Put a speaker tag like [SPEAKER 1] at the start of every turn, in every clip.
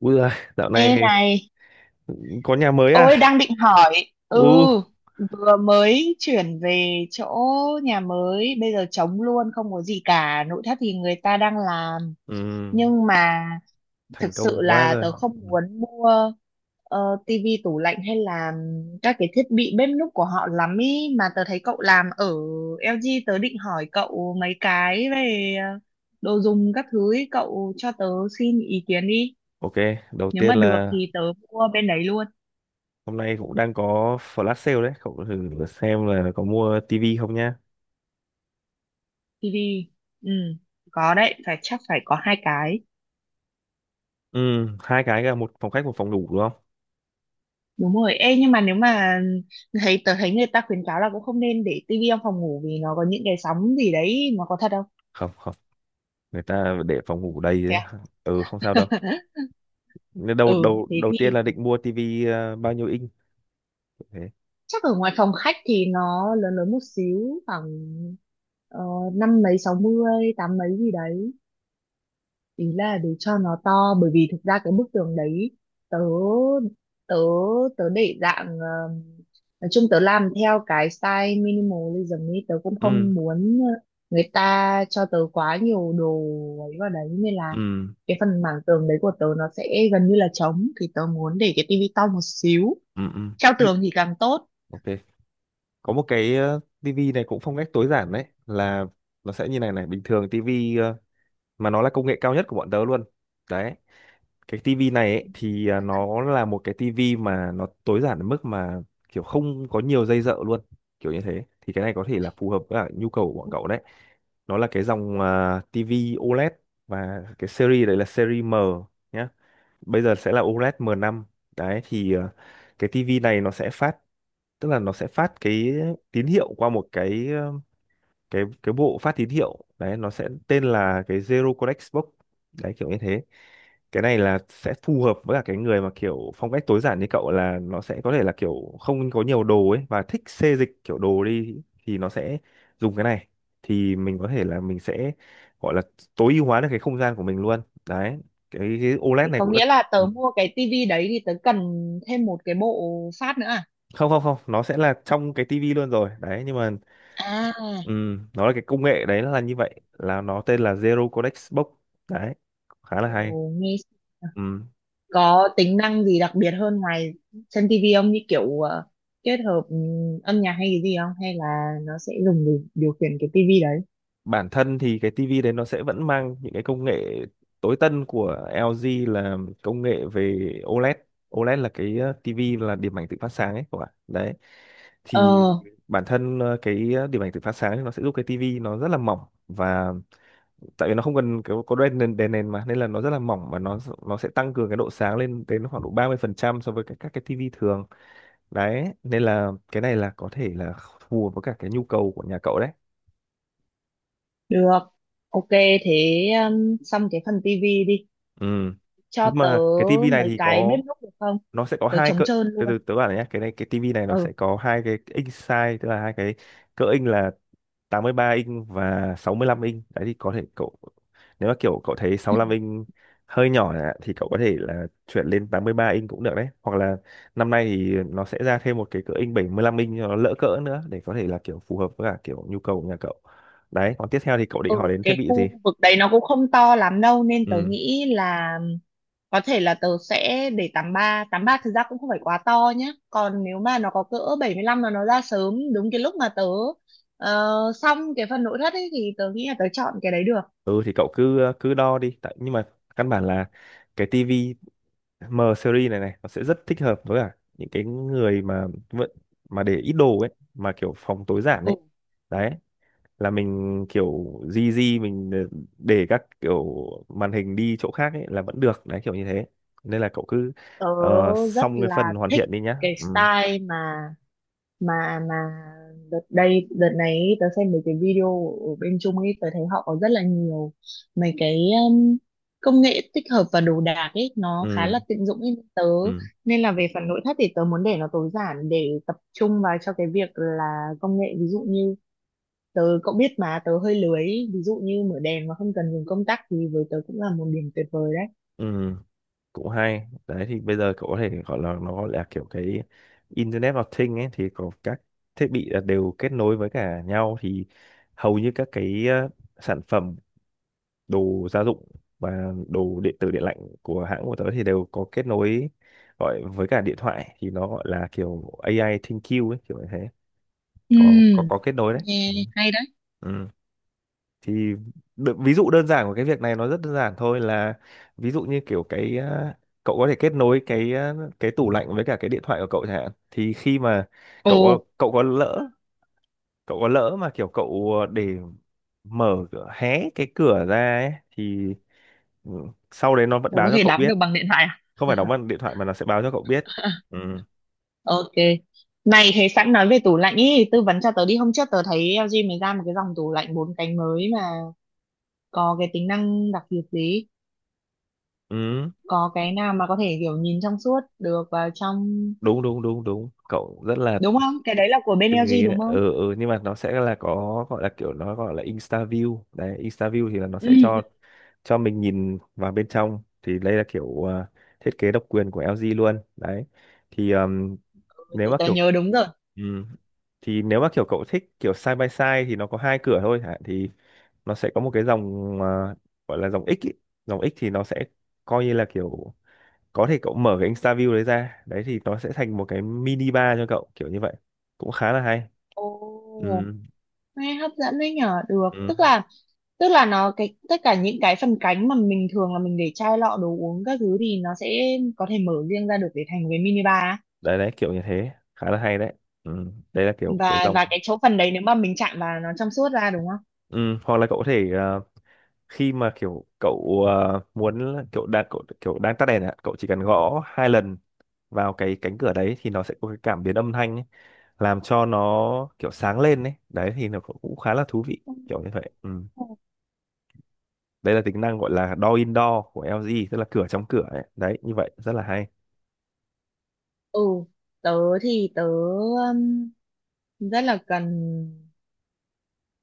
[SPEAKER 1] Ui giời, dạo
[SPEAKER 2] Ê
[SPEAKER 1] này
[SPEAKER 2] này,
[SPEAKER 1] có nhà mới à?
[SPEAKER 2] ôi đang định hỏi, ừ,
[SPEAKER 1] Ừ,
[SPEAKER 2] vừa mới chuyển về chỗ nhà mới, bây giờ trống luôn, không có gì cả, nội thất thì người ta đang làm,
[SPEAKER 1] ừm,
[SPEAKER 2] nhưng mà
[SPEAKER 1] thành
[SPEAKER 2] thực sự
[SPEAKER 1] công quá
[SPEAKER 2] là
[SPEAKER 1] rồi.
[SPEAKER 2] tớ không
[SPEAKER 1] Ừm,
[SPEAKER 2] muốn mua tivi, tủ lạnh hay là các cái thiết bị bếp núc của họ lắm ý, mà tớ thấy cậu làm ở LG, tớ định hỏi cậu mấy cái về đồ dùng các thứ ý, cậu cho tớ xin ý kiến đi,
[SPEAKER 1] Ok, đầu
[SPEAKER 2] nếu mà
[SPEAKER 1] tiên
[SPEAKER 2] được
[SPEAKER 1] là
[SPEAKER 2] thì tớ mua bên đấy.
[SPEAKER 1] hôm nay cũng đang có flash sale đấy, cậu thử xem là có mua tivi không nhá.
[SPEAKER 2] TV, ừ, có đấy, phải chắc phải có hai cái.
[SPEAKER 1] Ừ, hai cái, cả một phòng khách một phòng ngủ đúng không?
[SPEAKER 2] Đúng rồi, ê nhưng mà nếu mà tớ thấy người ta khuyến cáo là cũng không nên để tivi trong phòng ngủ vì nó có những cái sóng gì đấy, nó có thật không?
[SPEAKER 1] Không, không, người ta để phòng ngủ đầy
[SPEAKER 2] Thế
[SPEAKER 1] đấy.
[SPEAKER 2] à?
[SPEAKER 1] Ừ, không sao đâu. Nên Đầu
[SPEAKER 2] Ừ
[SPEAKER 1] đầu
[SPEAKER 2] thế
[SPEAKER 1] đầu tiên
[SPEAKER 2] thì
[SPEAKER 1] là định mua tivi, bao nhiêu inch? Thế.
[SPEAKER 2] chắc ở ngoài phòng khách thì nó lớn lớn một xíu, khoảng ờ, năm mấy sáu mươi tám mấy gì đấy, ý là để cho nó to, bởi vì thực ra cái bức tường đấy tớ tớ tớ để dạng nói chung tớ làm theo cái style minimalism ấy, tớ cũng
[SPEAKER 1] Ừ,
[SPEAKER 2] không muốn người ta cho tớ quá nhiều đồ ấy vào đấy, nên là
[SPEAKER 1] ừ,
[SPEAKER 2] cái phần mảng tường đấy của tớ nó sẽ gần như là trống, thì tớ muốn để cái tivi to một xíu,
[SPEAKER 1] ừ, ừ.
[SPEAKER 2] treo
[SPEAKER 1] Nhưng-
[SPEAKER 2] tường thì càng tốt.
[SPEAKER 1] Ok, có một cái tivi này cũng phong cách tối giản đấy, là nó sẽ như này này. Bình thường tivi mà nó là công nghệ cao nhất của bọn tớ luôn đấy. Cái tivi này ấy, thì à, nó là một cái tivi mà nó tối giản đến mức mà kiểu không có nhiều dây dợ luôn, kiểu như thế. Thì cái này có thể là phù hợp với cả nhu cầu của bọn cậu đấy. Nó là cái dòng à, tivi OLED, và cái series đấy là series M nhé. Bây giờ sẽ là OLED M5. Đấy thì cái tivi này nó sẽ phát, tức là nó sẽ phát cái tín hiệu qua một cái cái bộ phát tín hiệu đấy, nó sẽ tên là cái Zero Codex Box, đấy kiểu như thế. Cái này là sẽ phù hợp với cả cái người mà kiểu phong cách tối giản như cậu, là nó sẽ có thể là kiểu không có nhiều đồ ấy và thích xê dịch kiểu đồ đi, thì nó sẽ dùng cái này thì mình có thể là mình sẽ gọi là tối ưu hóa được cái không gian của mình luôn. Đấy, cái OLED
[SPEAKER 2] Thì
[SPEAKER 1] này
[SPEAKER 2] có
[SPEAKER 1] cũng là
[SPEAKER 2] nghĩa là tớ mua cái tivi đấy thì tớ cần thêm một cái bộ phát nữa à?
[SPEAKER 1] không không không, nó sẽ là trong cái tivi luôn rồi đấy. Nhưng mà
[SPEAKER 2] À.
[SPEAKER 1] nó là cái công nghệ đấy là như vậy, là nó tên là Zero Codex Box. Đấy khá là
[SPEAKER 2] Ồ,
[SPEAKER 1] hay.
[SPEAKER 2] nghe
[SPEAKER 1] Ừm,
[SPEAKER 2] có tính năng gì đặc biệt hơn ngoài trên tivi không, như kiểu kết hợp âm nhạc hay cái gì không, hay là nó sẽ dùng để điều khiển cái tivi đấy?
[SPEAKER 1] bản thân thì cái tivi đấy nó sẽ vẫn mang những cái công nghệ tối tân của LG, là công nghệ về OLED. OLED là cái tivi là điểm ảnh tự phát sáng ấy các bạn đấy. Thì
[SPEAKER 2] Ờ,
[SPEAKER 1] bản thân cái điểm ảnh tự phát sáng thì nó sẽ giúp cái tivi nó rất là mỏng, và tại vì nó không cần kiểu có đèn nền mà, nên là nó rất là mỏng và nó sẽ tăng cường cái độ sáng lên đến khoảng độ 30% so với các cái tivi thường đấy. Nên là cái này là có thể là phù hợp với cả cái nhu cầu của nhà cậu đấy.
[SPEAKER 2] được, ok. Thế xong cái phần tivi đi,
[SPEAKER 1] Ừ
[SPEAKER 2] cho
[SPEAKER 1] nhưng
[SPEAKER 2] tớ
[SPEAKER 1] mà cái tivi này
[SPEAKER 2] mấy
[SPEAKER 1] thì
[SPEAKER 2] cái bếp
[SPEAKER 1] có,
[SPEAKER 2] núc được không,
[SPEAKER 1] nó sẽ có
[SPEAKER 2] tớ
[SPEAKER 1] hai
[SPEAKER 2] trống
[SPEAKER 1] cỡ.
[SPEAKER 2] trơn
[SPEAKER 1] Từ
[SPEAKER 2] luôn.
[SPEAKER 1] từ tớ bảo này nhá, cái này cái tivi này nó
[SPEAKER 2] Ừ,
[SPEAKER 1] sẽ có hai cái inch size, tức là hai cái cỡ inch, là 83 inch và 65 inch. Đấy thì có thể cậu, nếu mà kiểu cậu thấy 65 inch hơi nhỏ ạ, thì cậu có thể là chuyển lên 83 inch cũng được đấy, hoặc là năm nay thì nó sẽ ra thêm một cái cỡ inch 75 inch cho nó lỡ cỡ nữa, để có thể là kiểu phù hợp với cả kiểu nhu cầu của nhà cậu. Đấy, còn tiếp theo thì cậu định
[SPEAKER 2] ừ,
[SPEAKER 1] hỏi đến thiết
[SPEAKER 2] cái
[SPEAKER 1] bị gì?
[SPEAKER 2] khu vực đấy nó cũng không to lắm đâu nên tớ
[SPEAKER 1] Ừ
[SPEAKER 2] nghĩ là có thể là tớ sẽ để 83 ba, thực ra cũng không phải quá to nhé, còn nếu mà nó có cỡ 75 là nó ra sớm đúng cái lúc mà tớ ờ, xong cái phần nội thất ấy thì tớ nghĩ là tớ chọn cái đấy được.
[SPEAKER 1] ừ, thì cậu cứ cứ đo đi tại. Nhưng mà căn bản là cái tivi M series này này nó sẽ rất thích hợp với cả những cái người mà vẫn mà để ít đồ ấy, mà kiểu phòng tối giản
[SPEAKER 2] Ừ.
[SPEAKER 1] ấy. Đấy là mình kiểu di di mình để các kiểu màn hình đi chỗ khác ấy là vẫn được đấy, kiểu như thế. Nên là cậu cứ
[SPEAKER 2] Tớ rất
[SPEAKER 1] xong cái
[SPEAKER 2] là
[SPEAKER 1] phần hoàn
[SPEAKER 2] thích
[SPEAKER 1] thiện đi nhá.
[SPEAKER 2] cái
[SPEAKER 1] Ừ
[SPEAKER 2] style mà đợt này ý, tớ xem mấy cái video ở bên Trung ấy, tớ thấy họ có rất là nhiều mấy cái um, công nghệ tích hợp và đồ đạc ấy, nó khá
[SPEAKER 1] ừ
[SPEAKER 2] là tiện dụng ấy tớ,
[SPEAKER 1] ừ
[SPEAKER 2] nên là về phần nội thất thì tớ muốn để nó tối giản để tập trung vào cho cái việc là công nghệ, ví dụ như tớ, cậu biết mà tớ hơi lười ý, ví dụ như mở đèn mà không cần dùng công tắc thì với tớ cũng là một điểm tuyệt vời đấy.
[SPEAKER 1] ừ, cũng hay đấy. Thì bây giờ cậu có thể gọi là, nó gọi là kiểu cái Internet of Things ấy, thì có các thiết bị là đều kết nối với cả nhau. Thì hầu như các cái sản phẩm đồ gia dụng và đồ điện tử điện lạnh của hãng của tớ thì đều có kết nối, gọi với cả điện thoại, thì nó gọi là kiểu AI ThinQ ấy, kiểu như thế.
[SPEAKER 2] Ừ,
[SPEAKER 1] Có kết nối đấy, ừ.
[SPEAKER 2] nghe hay đấy.
[SPEAKER 1] Ừ thì ví dụ đơn giản của cái việc này nó rất đơn giản thôi, là ví dụ như kiểu cái à, cậu có thể kết nối cái à, cái tủ lạnh với cả cái điện thoại của cậu chẳng hạn, thì khi mà cậu có
[SPEAKER 2] Ồ,
[SPEAKER 1] cậu có lỡ cậu có lỡ mà kiểu cậu để hé cái cửa ra ấy thì ừ, sau đấy nó vẫn
[SPEAKER 2] tớ
[SPEAKER 1] báo
[SPEAKER 2] có
[SPEAKER 1] cho
[SPEAKER 2] thể
[SPEAKER 1] cậu
[SPEAKER 2] đắm được
[SPEAKER 1] biết.
[SPEAKER 2] bằng điện thoại
[SPEAKER 1] Không phải đóng
[SPEAKER 2] à?
[SPEAKER 1] bằng điện thoại mà nó sẽ báo cho cậu biết, ừ.
[SPEAKER 2] Ok. Này, thế sẵn nói về tủ lạnh ý, tư vấn cho tớ đi. Hôm trước tớ thấy LG mới ra một cái dòng tủ lạnh bốn cánh mới mà có cái tính năng đặc biệt gì?
[SPEAKER 1] Ừ,
[SPEAKER 2] Có cái nào mà có thể kiểu nhìn trong suốt được vào trong
[SPEAKER 1] đúng đúng đúng đúng cậu rất là
[SPEAKER 2] đúng không? Cái đấy là của bên
[SPEAKER 1] từng
[SPEAKER 2] LG
[SPEAKER 1] nghĩ đấy,
[SPEAKER 2] đúng không?
[SPEAKER 1] ừ, ừ. Nhưng mà nó sẽ là, có gọi là kiểu nó gọi là Insta view đấy. Insta view thì là nó
[SPEAKER 2] Ừ,
[SPEAKER 1] sẽ
[SPEAKER 2] ừ.
[SPEAKER 1] cho mình nhìn vào bên trong, thì đây là kiểu à, thiết kế độc quyền của LG luôn đấy. Thì
[SPEAKER 2] Ừ,
[SPEAKER 1] nếu
[SPEAKER 2] thì
[SPEAKER 1] mà
[SPEAKER 2] tớ
[SPEAKER 1] kiểu
[SPEAKER 2] nhớ đúng rồi.
[SPEAKER 1] ừm, thì nếu mà kiểu cậu thích kiểu side by side, thì nó có hai cửa thôi hả, thì nó sẽ có một cái dòng à, gọi là dòng X ý. Dòng X thì nó sẽ coi như là kiểu có thể cậu mở cái Insta view đấy ra đấy, thì nó sẽ thành một cái mini bar cho cậu, kiểu như vậy, cũng khá là hay.
[SPEAKER 2] Ồ,
[SPEAKER 1] Ừ.
[SPEAKER 2] nghe hấp dẫn đấy nhở, được.
[SPEAKER 1] Ừ.
[SPEAKER 2] Tức là, tức là nó, cái tất cả những cái phần cánh mà mình thường là mình để chai lọ đồ uống các thứ thì nó sẽ có thể mở riêng ra được để thành một cái mini bar.
[SPEAKER 1] Đấy đấy kiểu như thế khá là hay đấy, ừ. Đây là kiểu cái
[SPEAKER 2] và
[SPEAKER 1] dòng,
[SPEAKER 2] và cái chỗ phần đấy nếu mà mình chạm vào nó trong suốt ra đúng không?
[SPEAKER 1] ừ. Hoặc là cậu có thể khi mà kiểu cậu muốn kiểu đang cậu, kiểu đang tắt đèn ạ, cậu chỉ cần gõ hai lần vào cái cánh cửa đấy, thì nó sẽ có cái cảm biến âm thanh ấy, làm cho nó kiểu sáng lên đấy. Đấy thì nó cũng cũng khá là thú vị kiểu như vậy, ừ. Đây là tính năng gọi là door indoor của LG, tức là cửa trong cửa ấy. Đấy như vậy rất là hay.
[SPEAKER 2] Ừ, tớ thì tớ rất là cần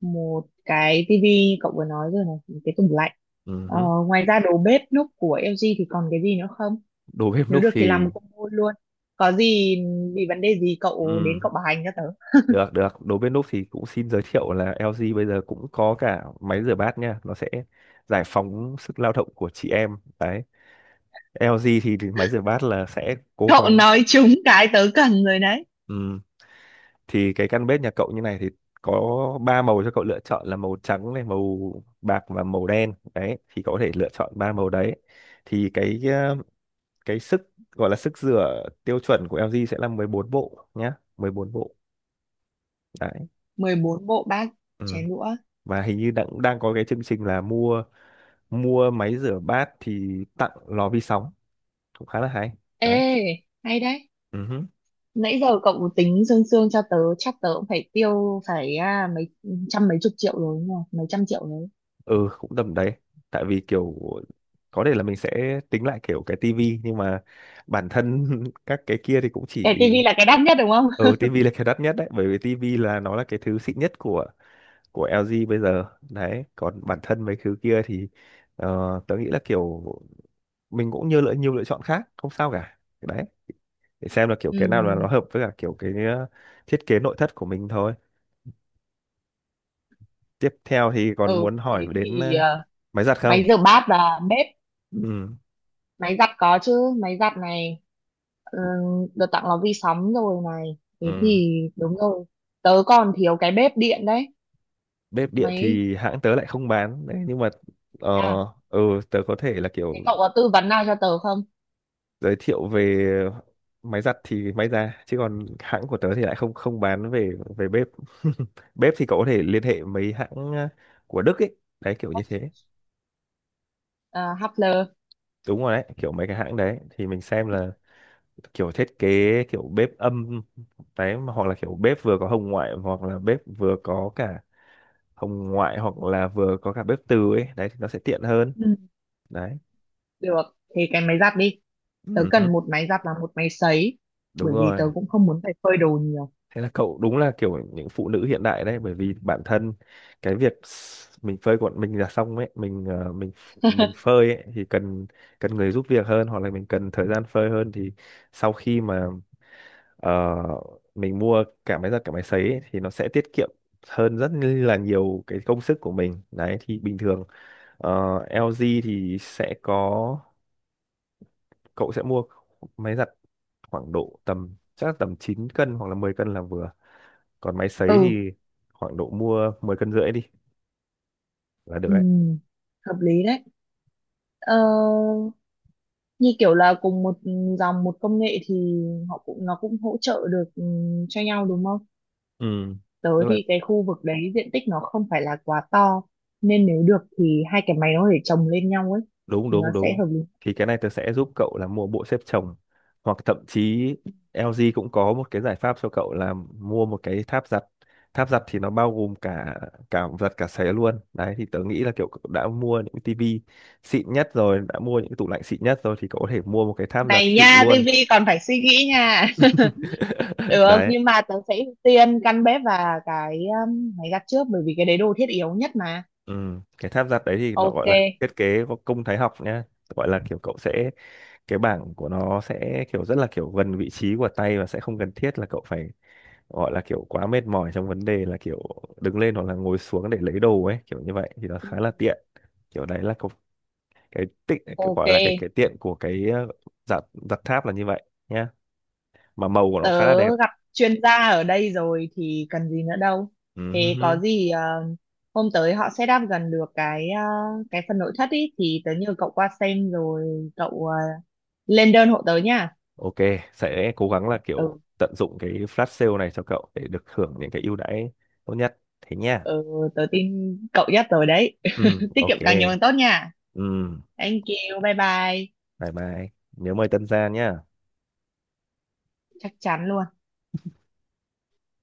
[SPEAKER 2] một cái tivi cậu vừa nói rồi này, một cái tủ lạnh,
[SPEAKER 1] Ừ.
[SPEAKER 2] ờ,
[SPEAKER 1] Hứ.
[SPEAKER 2] ngoài ra đồ bếp núc của LG thì còn cái gì nữa không,
[SPEAKER 1] Đồ bếp
[SPEAKER 2] nếu
[SPEAKER 1] núc
[SPEAKER 2] được thì làm
[SPEAKER 1] thì
[SPEAKER 2] một combo luôn, có gì bị vấn đề gì cậu đến
[SPEAKER 1] ừ.
[SPEAKER 2] cậu bảo hành cho tớ.
[SPEAKER 1] Được, được. Đối với Núp thì cũng xin giới thiệu là LG bây giờ cũng có cả máy rửa bát nha. Nó sẽ giải phóng sức lao động của chị em. Đấy. LG thì máy rửa bát là sẽ cố
[SPEAKER 2] Cậu
[SPEAKER 1] gắng.
[SPEAKER 2] nói trúng cái tớ cần rồi đấy.
[SPEAKER 1] Ừm, Thì cái căn bếp nhà cậu như này thì có ba màu cho cậu lựa chọn, là màu trắng này, màu bạc và màu đen. Đấy, thì cậu có thể lựa chọn ba màu đấy. Thì cái cái sức, gọi là sức rửa tiêu chuẩn của LG sẽ là 14 bộ nhá, 14 bộ. Đấy.
[SPEAKER 2] 14 bộ bát
[SPEAKER 1] Ừm.
[SPEAKER 2] chén đũa.
[SPEAKER 1] Và hình như đang đang có cái chương trình là mua mua máy rửa bát thì tặng lò vi sóng, cũng khá là hay đấy.
[SPEAKER 2] Ê, hay đấy.
[SPEAKER 1] Ừ, hứ.
[SPEAKER 2] Nãy giờ cậu tính sương sương cho tớ chắc tớ cũng phải tiêu phải à, mấy trăm mấy chục triệu rồi đúng không, mấy trăm triệu đấy.
[SPEAKER 1] Ừ cũng tầm đấy, tại vì kiểu có thể là mình sẽ tính lại kiểu cái tivi. Nhưng mà bản thân các cái kia thì cũng chỉ,
[SPEAKER 2] Cái tivi là cái đắt nhất đúng không?
[SPEAKER 1] ừ tivi là cái đắt nhất đấy, bởi vì tivi là nó là cái thứ xịn nhất của LG bây giờ. Đấy còn bản thân mấy thứ kia thì ờ, tớ nghĩ là kiểu mình cũng như lựa nhiều lựa chọn khác không sao cả đấy, để xem là kiểu
[SPEAKER 2] Ừ,
[SPEAKER 1] cái nào là nó hợp với cả kiểu cái thiết kế nội thất của mình thôi. Tiếp theo thì còn
[SPEAKER 2] ừ
[SPEAKER 1] muốn
[SPEAKER 2] thế
[SPEAKER 1] hỏi đến
[SPEAKER 2] thì
[SPEAKER 1] máy giặt
[SPEAKER 2] máy
[SPEAKER 1] không?
[SPEAKER 2] rửa bát và bếp,
[SPEAKER 1] Ừ.
[SPEAKER 2] máy giặt có chứ, máy giặt này, ừ, được tặng lò vi sóng rồi này, thế
[SPEAKER 1] Ừ.
[SPEAKER 2] thì đúng rồi, tớ còn thiếu cái bếp điện đấy.
[SPEAKER 1] Bếp điện
[SPEAKER 2] Mấy,
[SPEAKER 1] thì hãng tớ lại không bán đấy, nhưng mà ờ
[SPEAKER 2] à,
[SPEAKER 1] ừ, tớ có thể là
[SPEAKER 2] thế
[SPEAKER 1] kiểu
[SPEAKER 2] cậu có tư vấn nào cho tớ không?
[SPEAKER 1] giới thiệu về máy giặt thì may ra, chứ còn hãng của tớ thì lại không không bán về về bếp. Bếp thì cậu có thể liên hệ mấy hãng ờ, của Đức ấy, đấy kiểu như thế.
[SPEAKER 2] À, Hubler.
[SPEAKER 1] Đúng rồi đấy, kiểu mấy cái hãng đấy thì mình xem là kiểu thiết kế kiểu bếp âm đấy, mà hoặc là kiểu bếp vừa có hồng ngoại, hoặc là bếp vừa có cả hồng ngoại hoặc là vừa có cả bếp từ ấy, đấy thì nó sẽ tiện hơn
[SPEAKER 2] Ừ,
[SPEAKER 1] đấy.
[SPEAKER 2] được, thì cái máy giặt đi, tớ
[SPEAKER 1] Ừ. Hứ,
[SPEAKER 2] cần một máy giặt và một máy sấy,
[SPEAKER 1] đúng
[SPEAKER 2] bởi vì tớ
[SPEAKER 1] rồi.
[SPEAKER 2] cũng không muốn phải phơi đồ nhiều.
[SPEAKER 1] Thế là cậu đúng là kiểu những phụ nữ hiện đại đấy, bởi vì bản thân cái việc mình phơi quần mình là xong ấy, mình mình phơi ấy thì cần cần người giúp việc hơn, hoặc là mình cần thời gian phơi hơn. Thì sau khi mà Ờ, mình mua cả máy giặt cả máy sấy ấy, thì nó sẽ tiết kiệm hơn rất là nhiều cái công sức của mình đấy. Thì bình thường ờ, LG thì sẽ có, cậu sẽ mua máy giặt khoảng độ tầm, chắc là tầm 9 cân hoặc là 10 cân là vừa, còn máy sấy
[SPEAKER 2] Ừ,
[SPEAKER 1] thì khoảng độ mua 10 cân rưỡi đi là được đấy.
[SPEAKER 2] ừm, hợp lý đấy. ờ, như kiểu là cùng một dòng một công nghệ thì họ cũng, nó cũng hỗ trợ được cho nhau đúng không.
[SPEAKER 1] Ừ.
[SPEAKER 2] Tớ
[SPEAKER 1] Tức là
[SPEAKER 2] thì cái khu vực đấy diện tích nó không phải là quá to, nên nếu được thì hai cái máy nó để chồng lên nhau ấy
[SPEAKER 1] đúng
[SPEAKER 2] thì nó
[SPEAKER 1] đúng
[SPEAKER 2] sẽ
[SPEAKER 1] đúng
[SPEAKER 2] hợp lý.
[SPEAKER 1] Thì cái này tớ sẽ giúp cậu là mua bộ xếp chồng, hoặc thậm chí LG cũng có một cái giải pháp cho cậu là mua một cái tháp giặt. Tháp giặt thì nó bao gồm cả cả giặt cả sấy luôn đấy. Thì tớ nghĩ là kiểu cậu đã mua những tivi xịn nhất rồi, đã mua những tủ lạnh xịn nhất rồi, thì cậu có thể mua một cái tháp giặt
[SPEAKER 2] Này
[SPEAKER 1] xịn
[SPEAKER 2] nha,
[SPEAKER 1] luôn.
[SPEAKER 2] tivi còn phải suy nghĩ nha. Được,
[SPEAKER 1] Đấy,
[SPEAKER 2] nhưng mà tớ sẽ ưu tiên căn bếp và cái máy giặt trước, bởi vì cái đấy đồ thiết yếu nhất mà.
[SPEAKER 1] ừ. Cái tháp giặt đấy thì nó
[SPEAKER 2] Ok,
[SPEAKER 1] gọi là thiết kế có công thái học nhá. Gọi là kiểu cậu sẽ, cái bảng của nó sẽ kiểu rất là kiểu gần vị trí của tay, và sẽ không cần thiết là cậu phải gọi là kiểu quá mệt mỏi trong vấn đề là kiểu đứng lên hoặc là ngồi xuống để lấy đồ ấy, kiểu như vậy thì nó khá là tiện. Kiểu đấy là cái
[SPEAKER 2] ok.
[SPEAKER 1] gọi là cái tiện của cái giặt, giặt tháp là như vậy nhá. Mà màu của nó khá là
[SPEAKER 2] Tớ
[SPEAKER 1] đẹp.
[SPEAKER 2] gặp chuyên gia ở đây rồi thì cần gì nữa đâu. Thế có
[SPEAKER 1] Ừm,
[SPEAKER 2] gì hôm tới họ set up gần được cái cái phần nội thất ý thì tớ nhờ cậu qua xem rồi cậu lên đơn hộ tớ nha.
[SPEAKER 1] ok, sẽ cố gắng là kiểu
[SPEAKER 2] Ừ,
[SPEAKER 1] tận dụng cái flash sale này cho cậu để được hưởng những cái ưu đãi tốt nhất, thế nha.
[SPEAKER 2] ừ, tớ tin cậu nhất rồi đấy. Tiết
[SPEAKER 1] Ok.
[SPEAKER 2] kiệm càng nhiều càng tốt nha.
[SPEAKER 1] Ừm,
[SPEAKER 2] Thank you, bye bye.
[SPEAKER 1] bye bye. Nhớ mời Tân Gia nhá.
[SPEAKER 2] Chắc chắn luôn.